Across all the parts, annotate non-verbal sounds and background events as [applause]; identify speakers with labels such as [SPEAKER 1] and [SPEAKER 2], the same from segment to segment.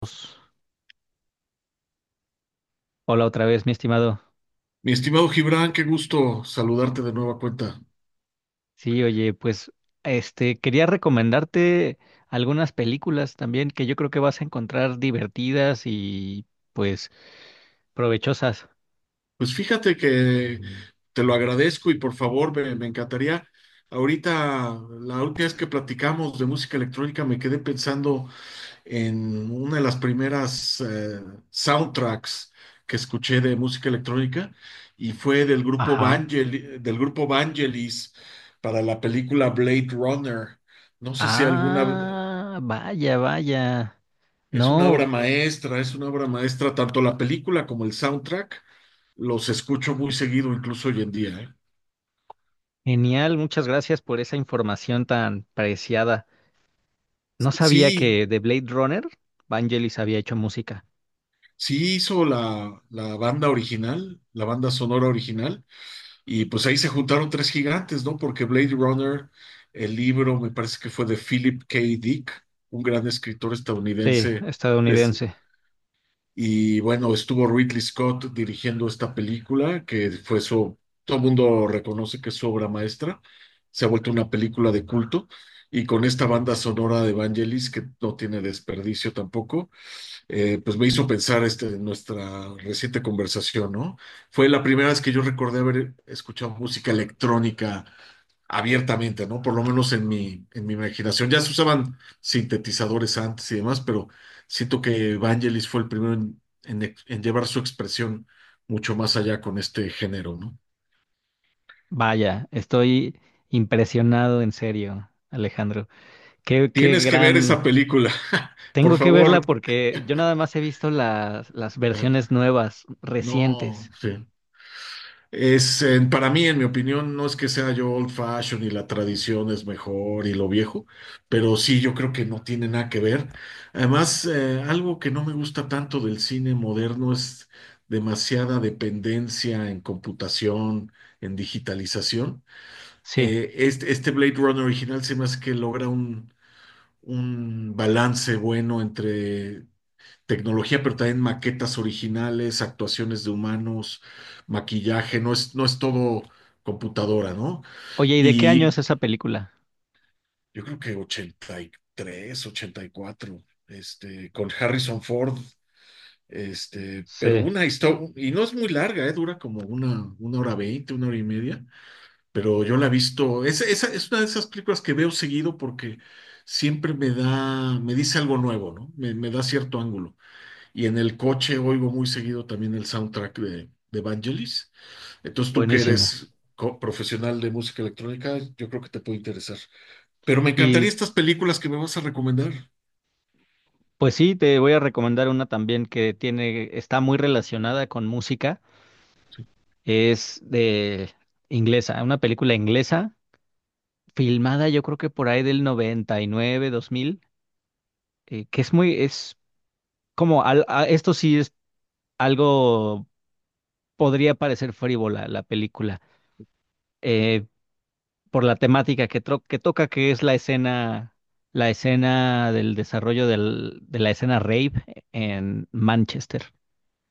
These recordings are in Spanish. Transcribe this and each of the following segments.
[SPEAKER 1] Pues, Hola otra vez, mi estimado.
[SPEAKER 2] Mi estimado Gibran, qué gusto saludarte de nueva cuenta.
[SPEAKER 1] Sí, oye, pues quería recomendarte algunas películas también que yo creo que vas a encontrar divertidas y pues provechosas.
[SPEAKER 2] Pues fíjate que te lo agradezco y por favor me encantaría. Ahorita, la última vez que platicamos de música electrónica, me quedé pensando en una de las primeras soundtracks que escuché de música electrónica y fue del
[SPEAKER 1] Ajá.
[SPEAKER 2] Del grupo Vangelis para la película Blade Runner. No sé si alguna.
[SPEAKER 1] Ah, vaya, vaya.
[SPEAKER 2] Es una obra
[SPEAKER 1] No,
[SPEAKER 2] maestra, es una obra maestra, tanto la película como el soundtrack, los escucho muy seguido, incluso hoy en día, ¿eh?
[SPEAKER 1] genial, muchas gracias por esa información tan preciada. No sabía
[SPEAKER 2] Sí,
[SPEAKER 1] que de Blade Runner, Vangelis había hecho música.
[SPEAKER 2] sí hizo la banda original, la banda sonora original, y pues ahí se juntaron tres gigantes, ¿no? Porque Blade Runner, el libro, me parece que fue de Philip K. Dick, un gran escritor
[SPEAKER 1] Sí,
[SPEAKER 2] estadounidense de,
[SPEAKER 1] estadounidense.
[SPEAKER 2] Y bueno, estuvo Ridley Scott dirigiendo esta película, que fue su, todo el mundo reconoce que es su obra maestra, se ha vuelto una película de culto, y con esta banda sonora de Vangelis, que no tiene desperdicio tampoco. Pues me hizo pensar este, en nuestra reciente conversación, ¿no? Fue la primera vez que yo recordé haber escuchado música electrónica abiertamente, ¿no? Por lo menos en mi, imaginación. Ya se usaban sintetizadores antes y demás, pero siento que Vangelis fue el primero en llevar su expresión mucho más allá con este género, ¿no?
[SPEAKER 1] Vaya, estoy impresionado en serio, Alejandro. Qué, qué
[SPEAKER 2] Tienes que ver
[SPEAKER 1] gran.
[SPEAKER 2] esa película, [laughs] por
[SPEAKER 1] Tengo que
[SPEAKER 2] favor.
[SPEAKER 1] verla porque yo nada más he visto las versiones
[SPEAKER 2] Ah.
[SPEAKER 1] nuevas,
[SPEAKER 2] No,
[SPEAKER 1] recientes.
[SPEAKER 2] sí. Es, para mí, en mi opinión, no es que sea yo old fashion y la tradición es mejor y lo viejo, pero sí, yo creo que no tiene nada que ver. Además, algo que no me gusta tanto del cine moderno es demasiada dependencia en computación, en digitalización.
[SPEAKER 1] Sí.
[SPEAKER 2] Este, este Blade Runner original se me hace que logra un, balance bueno entre tecnología, pero también maquetas originales, actuaciones de humanos, maquillaje, no es todo computadora, ¿no?
[SPEAKER 1] Oye, ¿y de qué año
[SPEAKER 2] Y
[SPEAKER 1] es esa película?
[SPEAKER 2] yo creo que 83, 84, este, con Harrison Ford, este, pero
[SPEAKER 1] Sí,
[SPEAKER 2] una historia, y no es muy larga, ¿eh? Dura como una, hora veinte, una hora y media, pero yo la he visto, es una de esas películas que veo seguido porque siempre me da, me dice algo nuevo, ¿no? Me da cierto ángulo. Y en el coche oigo muy seguido también el soundtrack de Vangelis. Entonces tú que
[SPEAKER 1] buenísimo.
[SPEAKER 2] eres profesional de música electrónica, yo creo que te puede interesar. Pero me encantaría
[SPEAKER 1] Y
[SPEAKER 2] estas películas que me vas a recomendar.
[SPEAKER 1] pues sí, te voy a recomendar una también que tiene, está muy relacionada con música. Es de inglesa, una película inglesa, filmada yo creo que por ahí del 99, 2000, que es muy, es como, esto sí es algo, podría parecer frívola la película eh, por la temática que, que toca, que es la escena del desarrollo de la escena rave en Manchester.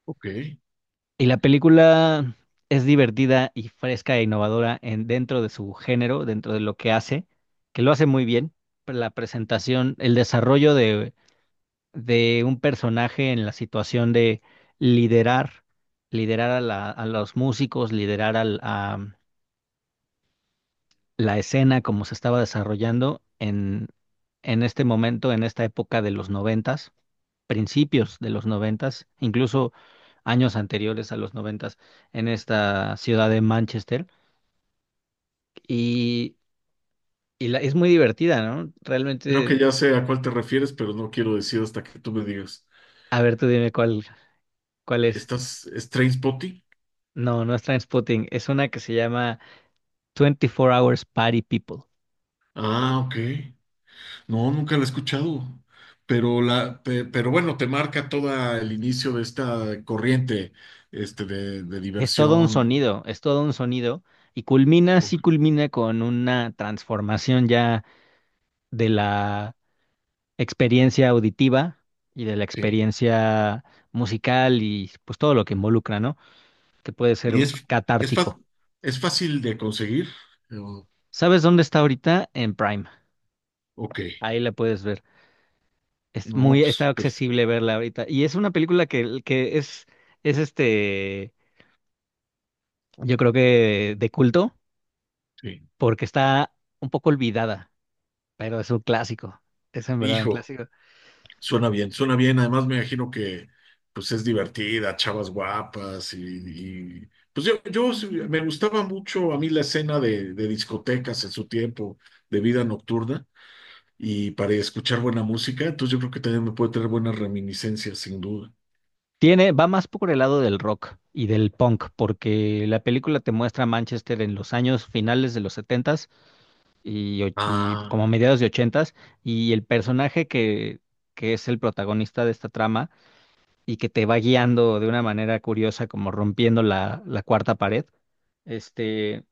[SPEAKER 2] Ok.
[SPEAKER 1] Y la película es divertida y fresca e innovadora en, dentro de su género, dentro de lo que hace, que lo hace muy bien. Pero la presentación, el desarrollo de un personaje en la situación de liderar, liderar a, a los músicos, liderar al, a, la escena como se estaba desarrollando en este momento, en esta época de los noventas, principios de los noventas, incluso años anteriores a los noventas, en esta ciudad de Manchester. Y, es muy divertida, ¿no?
[SPEAKER 2] Creo que
[SPEAKER 1] Realmente,
[SPEAKER 2] ya sé a cuál te refieres, pero no quiero decir hasta que tú me digas.
[SPEAKER 1] a ver, tú dime cuál, cuál es.
[SPEAKER 2] ¿Estás es Trainspotting?
[SPEAKER 1] No, no es Trainspotting, es una que se llama 24 Hours Party People.
[SPEAKER 2] Ah, ok. No, nunca la he escuchado. Pero la, pero bueno, te marca todo el inicio de esta corriente, este, de,
[SPEAKER 1] Es todo un
[SPEAKER 2] diversión.
[SPEAKER 1] sonido, es todo un sonido. Y culmina, sí
[SPEAKER 2] Ok.
[SPEAKER 1] culmina con una transformación ya de la experiencia auditiva y de la
[SPEAKER 2] Sí.
[SPEAKER 1] experiencia musical y pues todo lo que involucra, ¿no? Que puede ser
[SPEAKER 2] ¿Y es, es, fa-
[SPEAKER 1] catártico.
[SPEAKER 2] es fácil de conseguir? Yo,
[SPEAKER 1] ¿Sabes dónde está ahorita? En Prime.
[SPEAKER 2] ok,
[SPEAKER 1] Ahí la puedes ver. Es
[SPEAKER 2] no,
[SPEAKER 1] muy, está
[SPEAKER 2] pues perfecto.
[SPEAKER 1] accesible verla ahorita. Y es una película que es yo creo que de culto, porque está un poco olvidada, pero es un clásico. Es en verdad un
[SPEAKER 2] Hijo,
[SPEAKER 1] clásico.
[SPEAKER 2] suena bien, suena bien. Además me imagino que pues es divertida, chavas guapas y, pues yo, me gustaba mucho a mí la escena de discotecas en su tiempo, de vida nocturna y para escuchar buena música, entonces yo creo que también me puede tener buenas reminiscencias, sin duda.
[SPEAKER 1] Tiene, va más por el lado del rock y del punk, porque la película te muestra Manchester en los años finales de los setentas y, y
[SPEAKER 2] Ah,
[SPEAKER 1] como mediados de ochentas y el personaje que es el protagonista de esta trama y que te va guiando de una manera curiosa, como rompiendo la cuarta pared. Este,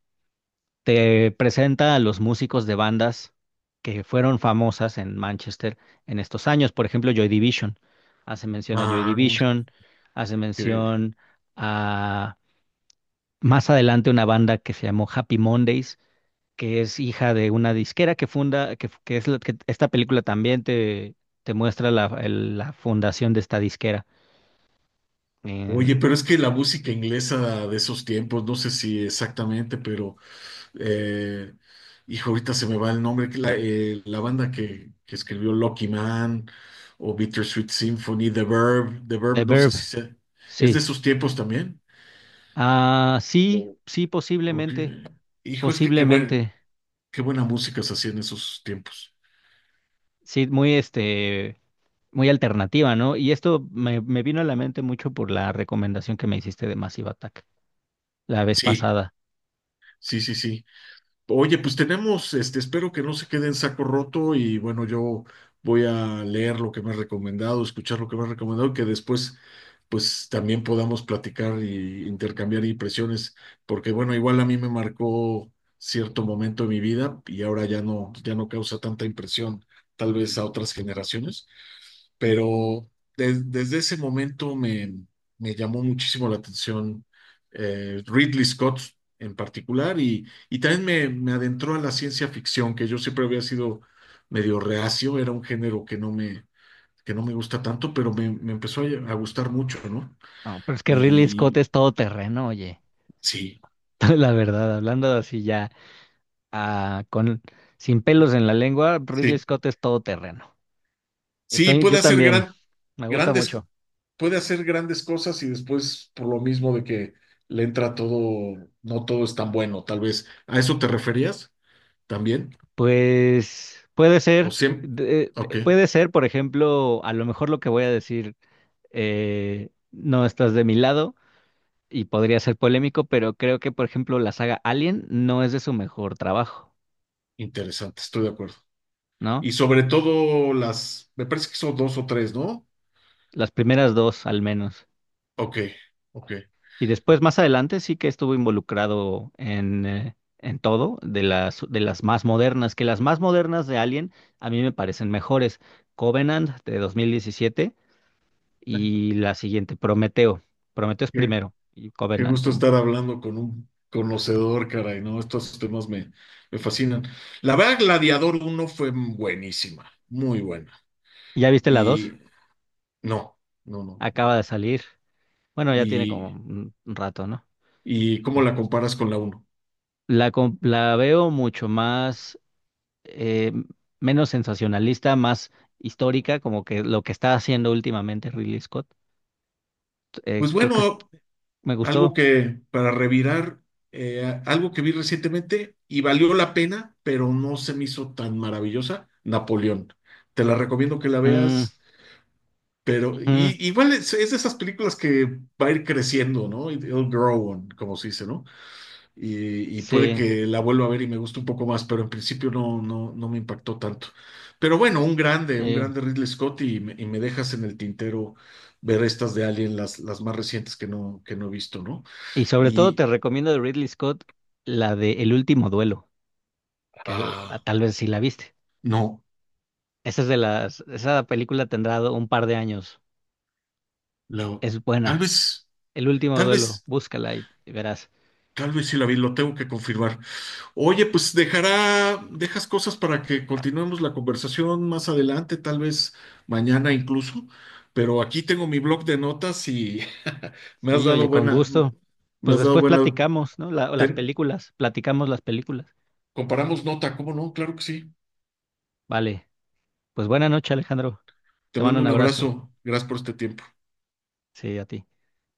[SPEAKER 1] te presenta a los músicos de bandas que fueron famosas en Manchester en estos años. Por ejemplo, Joy Division. Hace mención a Joy
[SPEAKER 2] ah,
[SPEAKER 1] Division, hace
[SPEAKER 2] qué
[SPEAKER 1] mención a más adelante una banda que se llamó Happy Mondays, que es hija de una disquera que funda, que es que esta película también te muestra la, la fundación de esta disquera.
[SPEAKER 2] Oye,
[SPEAKER 1] En
[SPEAKER 2] pero es que la música inglesa de esos tiempos, no sé si exactamente, pero eh, hijo, ahorita se me va el nombre, que la banda que escribió Lucky Man o Bittersweet Symphony, The Verb,
[SPEAKER 1] The
[SPEAKER 2] no sé
[SPEAKER 1] Verb,
[SPEAKER 2] si se, es de
[SPEAKER 1] sí.
[SPEAKER 2] esos tiempos también.
[SPEAKER 1] Ah, sí,
[SPEAKER 2] O-
[SPEAKER 1] sí,
[SPEAKER 2] o
[SPEAKER 1] posiblemente,
[SPEAKER 2] qué- Hijo, es que qué buen-
[SPEAKER 1] posiblemente.
[SPEAKER 2] qué buena música se hacía en esos tiempos.
[SPEAKER 1] Sí, muy muy alternativa, ¿no? Y esto me, me vino a la mente mucho por la recomendación que me hiciste de Massive Attack la vez
[SPEAKER 2] Sí,
[SPEAKER 1] pasada.
[SPEAKER 2] sí, sí, sí. Oye, pues tenemos, este, espero que no se quede en saco roto y bueno, yo voy a leer lo que me has recomendado, escuchar lo que me has recomendado, que después pues también podamos platicar y intercambiar impresiones, porque bueno, igual a mí me marcó cierto momento de mi vida y ahora ya no causa tanta impresión, tal vez a otras generaciones pero desde ese momento me, me, llamó muchísimo la atención Ridley Scott en particular y, y también me adentró a la ciencia ficción, que yo siempre había sido medio reacio, era un género que que no me gusta tanto, pero me, empezó a gustar mucho, ¿no?
[SPEAKER 1] No, pero es que
[SPEAKER 2] Y,
[SPEAKER 1] Ridley Scott
[SPEAKER 2] y
[SPEAKER 1] es todo terreno, oye.
[SPEAKER 2] sí.
[SPEAKER 1] [laughs] La verdad, hablando así ya, ah, con, sin pelos en la lengua, Ridley
[SPEAKER 2] Sí.
[SPEAKER 1] Scott es todo terreno.
[SPEAKER 2] Sí,
[SPEAKER 1] Soy, yo
[SPEAKER 2] puede hacer
[SPEAKER 1] también, me gusta
[SPEAKER 2] grandes,
[SPEAKER 1] mucho.
[SPEAKER 2] puede hacer grandes cosas y después por lo mismo de que le entra todo, no todo es tan bueno, tal vez. ¿A eso te referías también?
[SPEAKER 1] Pues puede
[SPEAKER 2] ¿O
[SPEAKER 1] ser,
[SPEAKER 2] siempre? Ok,
[SPEAKER 1] puede ser, por ejemplo, a lo mejor lo que voy a decir, no estás de mi lado y podría ser polémico, pero creo que, por ejemplo, la saga Alien no es de su mejor trabajo,
[SPEAKER 2] interesante, estoy de acuerdo.
[SPEAKER 1] ¿no?
[SPEAKER 2] Y sobre todo las, me parece que son dos o tres, ¿no?
[SPEAKER 1] Las primeras dos, al menos.
[SPEAKER 2] Ok, ok.
[SPEAKER 1] Y después, más adelante, sí que estuvo involucrado en todo, de las más modernas, que las más modernas de Alien a mí me parecen mejores. Covenant de 2017 y la siguiente, Prometeo. Prometeo es
[SPEAKER 2] Qué,
[SPEAKER 1] primero y
[SPEAKER 2] qué
[SPEAKER 1] Covenant.
[SPEAKER 2] gusto estar hablando con un conocedor, caray, ¿no? Estos temas me, fascinan. La verdad, Gladiador uno fue buenísima, muy buena.
[SPEAKER 1] ¿Ya viste la dos?
[SPEAKER 2] Y No, no, no.
[SPEAKER 1] Acaba de salir. Bueno, ya tiene como
[SPEAKER 2] ¿Y,
[SPEAKER 1] un rato, ¿no?
[SPEAKER 2] y cómo la comparas con la uno?
[SPEAKER 1] La, la veo mucho más, eh, menos sensacionalista, más histórica, como que lo que está haciendo últimamente Ridley Scott. Eh,
[SPEAKER 2] Pues
[SPEAKER 1] creo que es-
[SPEAKER 2] bueno,
[SPEAKER 1] me
[SPEAKER 2] algo
[SPEAKER 1] gustó.
[SPEAKER 2] que para revirar, algo que vi recientemente y valió la pena, pero no se me hizo tan maravillosa, Napoleón. Te la recomiendo que la
[SPEAKER 1] Mm,
[SPEAKER 2] veas, pero
[SPEAKER 1] ujú,
[SPEAKER 2] igual es, de esas películas que va a ir creciendo, ¿no? It'll grow on, como se dice, ¿no? Y puede
[SPEAKER 1] sí.
[SPEAKER 2] que la vuelva a ver y me guste un poco más, pero en principio no, no me impactó tanto. Pero bueno, un grande, un
[SPEAKER 1] eh,
[SPEAKER 2] grande Ridley Scott y me dejas en el tintero ver estas de Alien, las más recientes que no he visto, ¿no?
[SPEAKER 1] Y sobre todo
[SPEAKER 2] Y
[SPEAKER 1] te recomiendo de Ridley Scott la de El último duelo, que
[SPEAKER 2] ah,
[SPEAKER 1] tal vez sí la viste.
[SPEAKER 2] no,
[SPEAKER 1] Esa es de las, esa película tendrá un par de años.
[SPEAKER 2] la-
[SPEAKER 1] Es
[SPEAKER 2] tal
[SPEAKER 1] buena.
[SPEAKER 2] vez,
[SPEAKER 1] El último
[SPEAKER 2] tal
[SPEAKER 1] duelo,
[SPEAKER 2] vez,
[SPEAKER 1] búscala y verás.
[SPEAKER 2] tal vez sí la vi, lo tengo que confirmar. Oye, pues dejas cosas para que continuemos la conversación más adelante, tal vez mañana incluso, pero aquí tengo mi blog de notas y [laughs] me has
[SPEAKER 1] Sí,
[SPEAKER 2] dado
[SPEAKER 1] oye, con
[SPEAKER 2] buena,
[SPEAKER 1] gusto.
[SPEAKER 2] me
[SPEAKER 1] Pues
[SPEAKER 2] has dado
[SPEAKER 1] después
[SPEAKER 2] buena,
[SPEAKER 1] platicamos, ¿no? O las
[SPEAKER 2] ten-
[SPEAKER 1] películas, platicamos las películas.
[SPEAKER 2] comparamos nota, ¿cómo no? Claro que sí.
[SPEAKER 1] Vale, pues buena noche, Alejandro.
[SPEAKER 2] Te
[SPEAKER 1] Te mando
[SPEAKER 2] mando
[SPEAKER 1] un
[SPEAKER 2] un
[SPEAKER 1] abrazo.
[SPEAKER 2] abrazo, gracias por este tiempo.
[SPEAKER 1] Sí, a ti.